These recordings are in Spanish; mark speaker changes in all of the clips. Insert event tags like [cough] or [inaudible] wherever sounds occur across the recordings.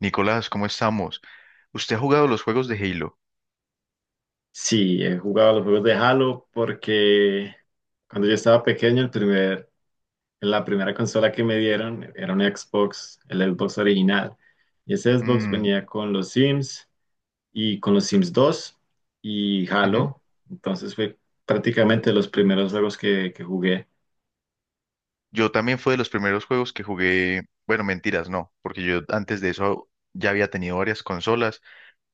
Speaker 1: Nicolás, ¿cómo estamos? ¿Usted ha jugado los juegos de Halo?
Speaker 2: Sí, he jugado los juegos de Halo porque cuando yo estaba pequeño, la primera consola que me dieron era un Xbox, el Xbox original. Y ese Xbox
Speaker 1: Mm,
Speaker 2: venía con los Sims y con los Sims dos y
Speaker 1: ujú.
Speaker 2: Halo. Entonces fue prácticamente los primeros juegos que jugué.
Speaker 1: Yo también fue de los primeros juegos que jugué, bueno, mentiras, no, porque yo antes de eso ya había tenido varias consolas,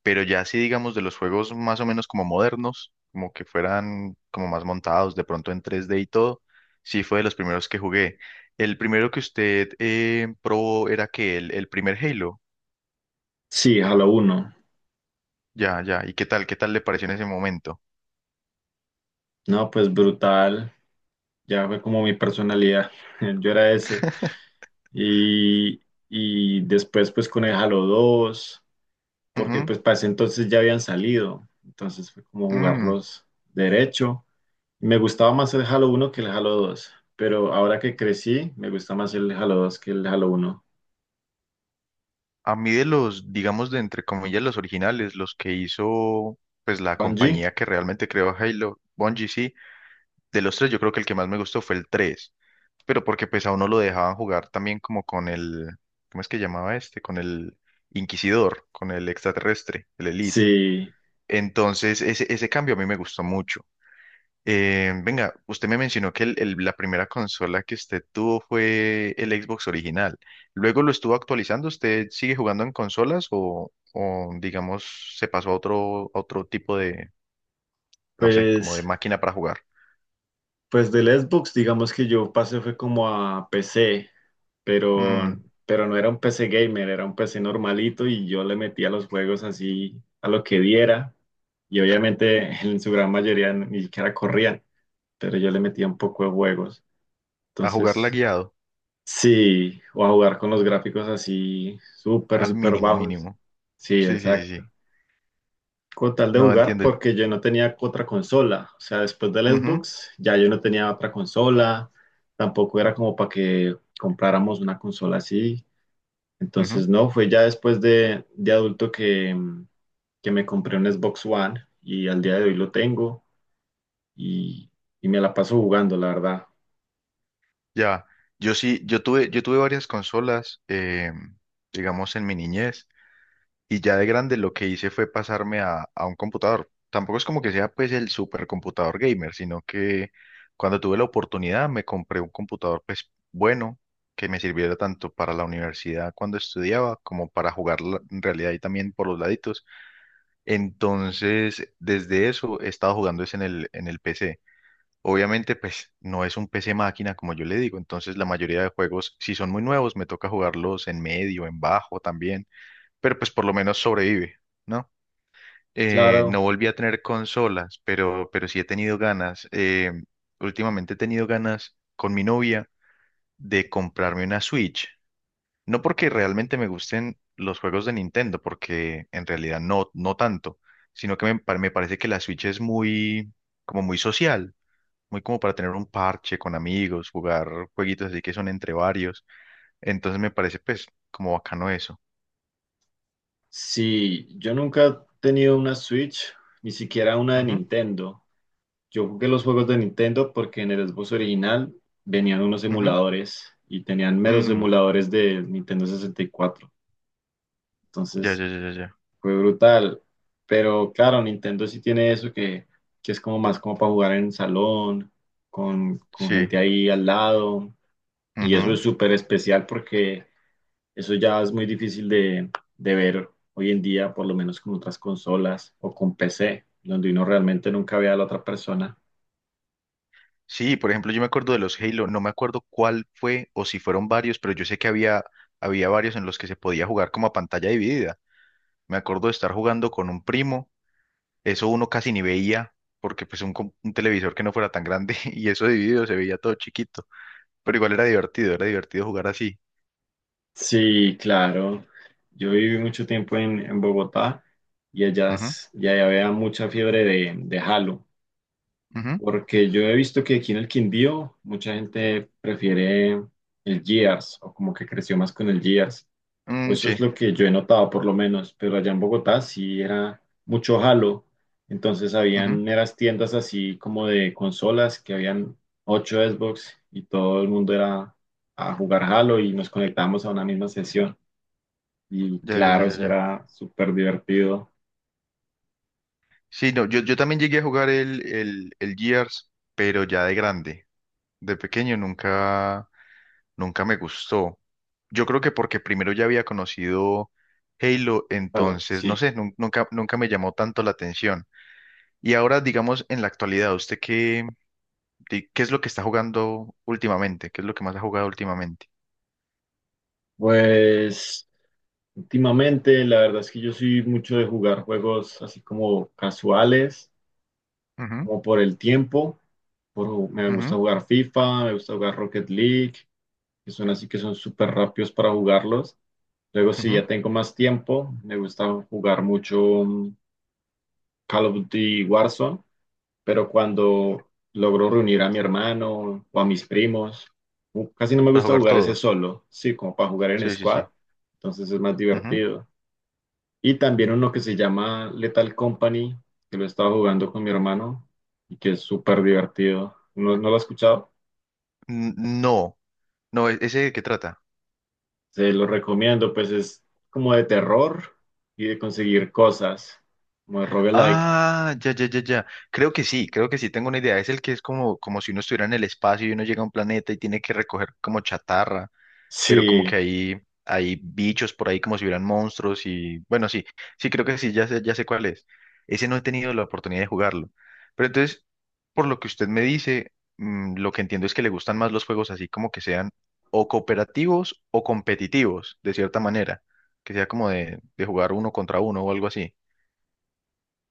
Speaker 1: pero ya sí, digamos, de los juegos más o menos como modernos, como que fueran como más montados, de pronto en tres d y todo, sí fue de los primeros que jugué. El primero que usted probó era que el primer Halo.
Speaker 2: Sí, Halo uno.
Speaker 1: Ya, ya, ¿y qué tal? ¿Qué tal le pareció en ese momento?
Speaker 2: No, pues brutal. Ya fue como mi personalidad. [laughs] Yo era ese. Y, y después pues con el Halo dos, porque
Speaker 1: Ujú,
Speaker 2: pues para ese entonces ya habían salido, entonces fue como
Speaker 1: mm.
Speaker 2: jugarlos derecho. Me gustaba más el Halo uno que el Halo dos, pero ahora que crecí, me gusta más el Halo dos que el Halo uno.
Speaker 1: A mí de los, digamos, de entre comillas, los originales, los que hizo, pues la
Speaker 2: Bungie,
Speaker 1: compañía que realmente creó Halo, Bungie, sí, de los tres yo creo que el que más me gustó fue el 3, pero porque pues a uno lo dejaban jugar también como con el, ¿cómo es que llamaba este? Con el Inquisidor, con el extraterrestre, el Elite.
Speaker 2: sí,
Speaker 1: Entonces ese cambio a mí me gustó mucho. Venga, usted me mencionó que la primera consola que usted tuvo fue el Xbox original. Luego lo estuvo actualizando. ¿Usted sigue jugando en consolas o, digamos, se pasó a otro tipo de, no sé, como de
Speaker 2: pues,
Speaker 1: máquina para jugar?
Speaker 2: pues del Xbox, digamos que yo pasé fue como a PC, pero,
Speaker 1: Mm,
Speaker 2: pero no era un PC gamer, era un PC normalito y yo le metía los juegos así a lo que diera. Y obviamente [laughs] en su gran mayoría ni siquiera corrían, pero yo le metía un poco de juegos.
Speaker 1: a jugarla
Speaker 2: Entonces,
Speaker 1: guiado,
Speaker 2: sí, o a jugar con los gráficos así súper,
Speaker 1: al
Speaker 2: súper
Speaker 1: mínimo,
Speaker 2: bajos.
Speaker 1: mínimo.
Speaker 2: Sí,
Speaker 1: Sí, sí, sí,
Speaker 2: exacto.
Speaker 1: sí.
Speaker 2: Con tal de
Speaker 1: No
Speaker 2: jugar,
Speaker 1: entiendo.
Speaker 2: porque yo no tenía otra consola. O sea, después del
Speaker 1: Ujú,
Speaker 2: Xbox, ya yo no tenía otra consola. Tampoco era como para que compráramos una consola así.
Speaker 1: ujú.
Speaker 2: Entonces, no, fue ya después de adulto que, que me compré un Xbox One y al día de hoy lo tengo y, y me la paso jugando, la verdad.
Speaker 1: Ya, yo sí, yo tuve varias consolas, digamos, en mi niñez. Y ya de grande lo que hice fue pasarme a un computador. Tampoco es como que sea pues el supercomputador gamer, sino que cuando tuve la oportunidad me compré un computador pues bueno que me sirviera tanto para la universidad cuando estudiaba como para jugar en realidad y también por los laditos. Entonces, desde eso he estado jugando es en en el PC. Obviamente pues no es un PC máquina como yo le digo, entonces la mayoría de juegos si son muy nuevos me toca jugarlos en medio, en bajo también, pero pues por lo menos sobrevive, ¿no? No
Speaker 2: Claro.
Speaker 1: volví a tener consolas, pero sí he tenido ganas. Últimamente he tenido ganas con mi novia de comprarme una Switch. No porque realmente me gusten los juegos de Nintendo, porque en realidad no, no tanto, sino que me parece que la Switch es muy, como muy social, muy como para tener un parche con amigos, jugar jueguitos así que son entre varios. Entonces me parece pues como bacano eso.
Speaker 2: Sí, yo nunca he tenido una Switch, ni siquiera una de
Speaker 1: Ujú,
Speaker 2: Nintendo. Yo jugué los juegos de Nintendo porque en el Xbox original venían unos
Speaker 1: ujú,
Speaker 2: emuladores y tenían meros
Speaker 1: mm,
Speaker 2: emuladores de Nintendo 64.
Speaker 1: ya,
Speaker 2: Entonces
Speaker 1: ya, ya, ya, ya.
Speaker 2: fue brutal. Pero claro, Nintendo sí tiene eso que es como más como para jugar en salón, con
Speaker 1: Sí.
Speaker 2: gente ahí al lado. Y
Speaker 1: Ujú.
Speaker 2: eso es súper especial porque eso ya es muy difícil de ver hoy en día, por lo menos con otras consolas o con PC, donde uno realmente nunca ve a la otra persona.
Speaker 1: Sí, por ejemplo, yo me acuerdo de los Halo, no me acuerdo cuál fue o si fueron varios, pero yo sé que había varios en los que se podía jugar como a pantalla dividida. Me acuerdo de estar jugando con un primo, eso uno casi ni veía, porque pues un televisor que no fuera tan grande [laughs] y eso dividido se veía todo chiquito, pero igual era divertido jugar así.
Speaker 2: Sí, claro. Yo viví mucho tiempo en Bogotá y
Speaker 1: Ujú,
Speaker 2: y allá había mucha fiebre de Halo,
Speaker 1: ujú.
Speaker 2: porque yo he visto que aquí en el Quindío mucha gente prefiere el Gears o como que creció más con el Gears.
Speaker 1: Mm,
Speaker 2: Pues eso
Speaker 1: sí,
Speaker 2: es lo que yo he notado, por lo menos, pero allá en Bogotá sí era mucho jalo. Entonces
Speaker 1: ujú.
Speaker 2: habían eras tiendas así como de consolas que habían ocho Xbox y todo el mundo era a jugar jalo y nos conectábamos a una misma sesión. Y
Speaker 1: Ya, ya, ya,
Speaker 2: claro,
Speaker 1: ya,
Speaker 2: eso
Speaker 1: ya.
Speaker 2: era súper divertido.
Speaker 1: Sí, no, yo también llegué a jugar el Gears, pero ya de grande. De pequeño nunca. Nunca me gustó. Yo creo que porque primero ya había conocido Halo,
Speaker 2: Jalo,
Speaker 1: entonces, no
Speaker 2: sí.
Speaker 1: sé, nunca, nunca me llamó tanto la atención. Y ahora, digamos, en la actualidad, ¿usted qué, qué es lo que está jugando últimamente? ¿Qué es lo que más ha jugado últimamente?
Speaker 2: Pues últimamente la verdad es que yo soy mucho de jugar juegos así como casuales,
Speaker 1: Ujú,
Speaker 2: como por el tiempo. Me gusta
Speaker 1: ujú,
Speaker 2: jugar FIFA, me gusta jugar Rocket League, que son así que son súper rápidos para jugarlos. Luego, si
Speaker 1: ujú.
Speaker 2: ya tengo más tiempo, me gusta jugar mucho mm, Call of Duty Warzone, pero cuando logro reunir a mi hermano o a mis primos, casi no me
Speaker 1: Para
Speaker 2: gusta
Speaker 1: jugar
Speaker 2: jugar ese
Speaker 1: todos.
Speaker 2: solo, sí, como para jugar en
Speaker 1: Sí, sí,
Speaker 2: squad,
Speaker 1: sí.
Speaker 2: entonces es más
Speaker 1: Ujú.
Speaker 2: divertido. Y también uno que se llama Lethal Company, que lo he estado jugando con mi hermano y que es súper divertido. ¿No lo has escuchado?
Speaker 1: N- No, no, ¿ese de qué trata?
Speaker 2: Se lo recomiendo, pues es como de terror y de conseguir cosas, como de roguelike.
Speaker 1: Ah, ya, ya, ya, ya. Creo que sí, tengo una idea. Es el que es como, como si uno estuviera en el espacio y uno llega a un planeta y tiene que recoger como chatarra. Pero como
Speaker 2: Sí,
Speaker 1: que hay bichos por ahí como si hubieran monstruos y bueno, sí, sí creo que sí, ya sé cuál es. Ese no he tenido la oportunidad de jugarlo. Pero entonces, por lo que usted me dice, mm, lo que entiendo es que le gustan más los juegos así como que sean o cooperativos o competitivos, de cierta manera, que sea como de jugar uno contra uno o algo así.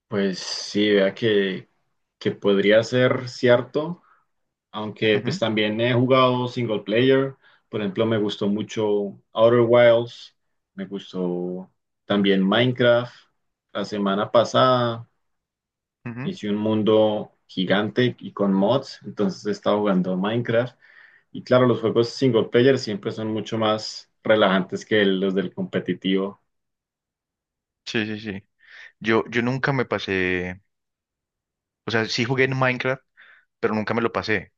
Speaker 2: pues sí, vea que podría ser cierto, aunque pues
Speaker 1: Ujú,
Speaker 2: también he jugado single player. Por ejemplo, me gustó mucho Outer Wilds, me gustó también Minecraft. La semana pasada
Speaker 1: ujú.
Speaker 2: hice un mundo gigante y con mods, entonces estaba jugando Minecraft. Y claro, los juegos single player siempre son mucho más relajantes que los del competitivo.
Speaker 1: Sí, sí, sí. Yo nunca me pasé, o sea, sí jugué en Minecraft, pero nunca me lo pasé.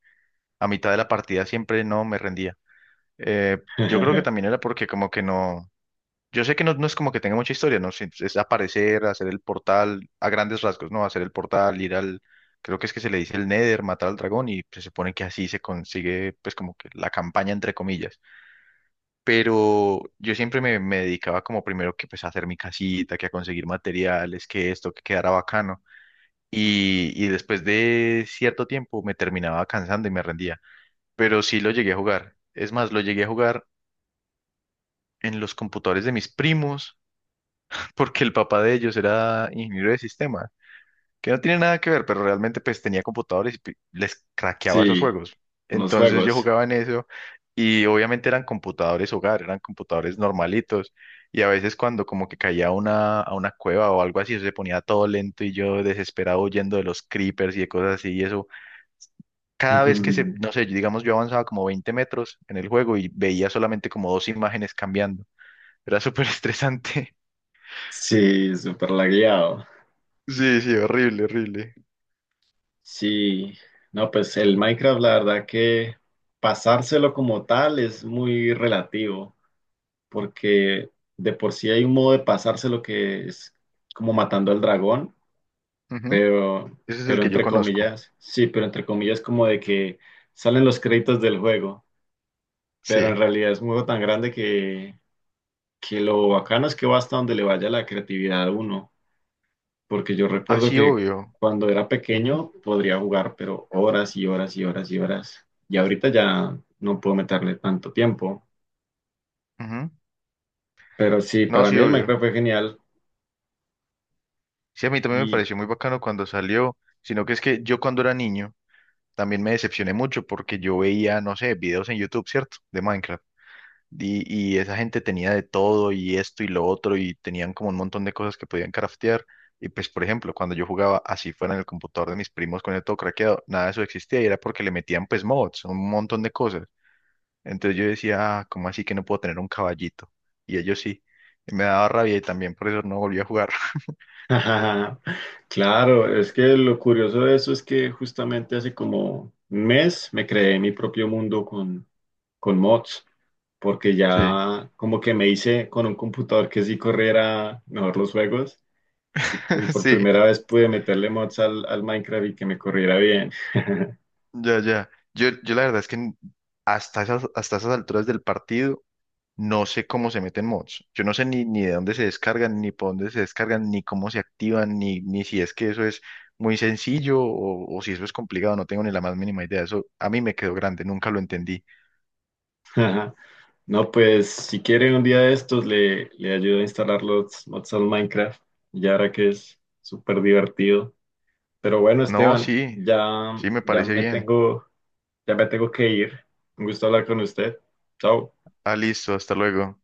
Speaker 1: A mitad de la partida siempre no me rendía. Yo creo que también
Speaker 2: [laughs]
Speaker 1: era porque como que no, yo sé que no, no es como que tenga mucha historia, ¿no? Es aparecer, hacer el portal, a grandes rasgos, ¿no? Hacer el portal, ir creo que es que se le dice el Nether, matar al dragón y se supone que así se consigue pues como que la campaña entre comillas. Pero yo siempre me dedicaba como primero que pues a hacer mi casita, que a conseguir materiales, que esto, que quedara bacano. Y después de cierto tiempo me terminaba cansando y me rendía. Pero sí lo llegué a jugar. Es más, lo llegué a jugar en los computadores de mis primos, [laughs] porque el papá de ellos era ingeniero de sistemas, que no tiene nada que ver, pero realmente pues tenía computadores y les craqueaba esos
Speaker 2: Sí,
Speaker 1: juegos.
Speaker 2: los
Speaker 1: Entonces yo
Speaker 2: juegos.
Speaker 1: jugaba en eso y obviamente eran computadores hogar, eran computadores normalitos y a veces cuando como que caía a a una cueva o algo así, eso se ponía todo lento y yo desesperado huyendo de los creepers y de cosas así y eso cada vez que se,
Speaker 2: [laughs]
Speaker 1: no sé, digamos yo avanzaba como 20 metros en el juego y veía solamente como dos imágenes cambiando. Era [laughs] súper estresante.
Speaker 2: Sí, súper lagueado.
Speaker 1: Sí, sí, horrible, horrible.
Speaker 2: Sí, no, pues el Minecraft, la verdad que pasárselo como tal es muy relativo, porque de por sí hay un modo de pasárselo que es como matando al dragón.
Speaker 1: Ujú.
Speaker 2: pero,
Speaker 1: Ese es el
Speaker 2: pero
Speaker 1: que yo
Speaker 2: entre
Speaker 1: conozco.
Speaker 2: comillas, sí, pero entre comillas como de que salen los créditos del juego, pero en
Speaker 1: Sí.
Speaker 2: realidad es un juego tan grande que lo bacano es que va hasta donde le vaya la creatividad a uno, porque yo
Speaker 1: Ah,
Speaker 2: recuerdo
Speaker 1: sí,
Speaker 2: que
Speaker 1: obvio.
Speaker 2: cuando era
Speaker 1: Ujú,
Speaker 2: pequeño podría jugar, pero horas y horas y horas y horas, y ahorita ya no puedo meterle tanto tiempo,
Speaker 1: ujú.
Speaker 2: pero sí,
Speaker 1: No,
Speaker 2: para
Speaker 1: sí,
Speaker 2: mí el
Speaker 1: obvio.
Speaker 2: Minecraft fue genial.
Speaker 1: Sí, a mí también me
Speaker 2: Y
Speaker 1: pareció muy bacano cuando salió, sino que es que yo cuando era niño también me decepcioné mucho porque yo veía, no sé, videos en YouTube, ¿cierto? De Minecraft. Y, y esa gente tenía de todo y esto y lo otro y tenían como un montón de cosas que podían craftear. Y pues, por ejemplo, cuando yo jugaba así fuera en el computador de mis primos con el todo craqueado, nada de eso existía y era porque le metían pues mods, un montón de cosas. Entonces yo decía, ah, ¿cómo así que no puedo tener un caballito? Y ellos sí. Y me daba rabia y también por eso no volví a jugar. [laughs]
Speaker 2: ajá, claro, es que lo curioso de eso es que justamente hace como un mes me creé mi propio mundo con mods, porque
Speaker 1: Sí,
Speaker 2: ya como que me hice con un computador que sí corriera mejor los juegos y
Speaker 1: [laughs]
Speaker 2: por
Speaker 1: sí,
Speaker 2: primera vez pude meterle mods al Minecraft y que me corriera bien. [laughs]
Speaker 1: ya, ya. Yo la verdad es que hasta esas alturas del partido no sé cómo se meten mods. Yo no sé ni de dónde se descargan, ni por dónde se descargan, ni cómo se activan, ni si es que eso es muy sencillo o si eso es complicado. No tengo ni la más mínima idea. Eso a mí me quedó grande, nunca lo entendí.
Speaker 2: Ajá. No, pues si quieren un día de estos le ayudo a instalar los mods al Minecraft, y ahora que es súper divertido. Pero bueno,
Speaker 1: No,
Speaker 2: Esteban,
Speaker 1: sí, sí, me parece bien.
Speaker 2: ya me tengo que ir. Un gusto hablar con usted. Chao.
Speaker 1: Ah, listo, hasta luego.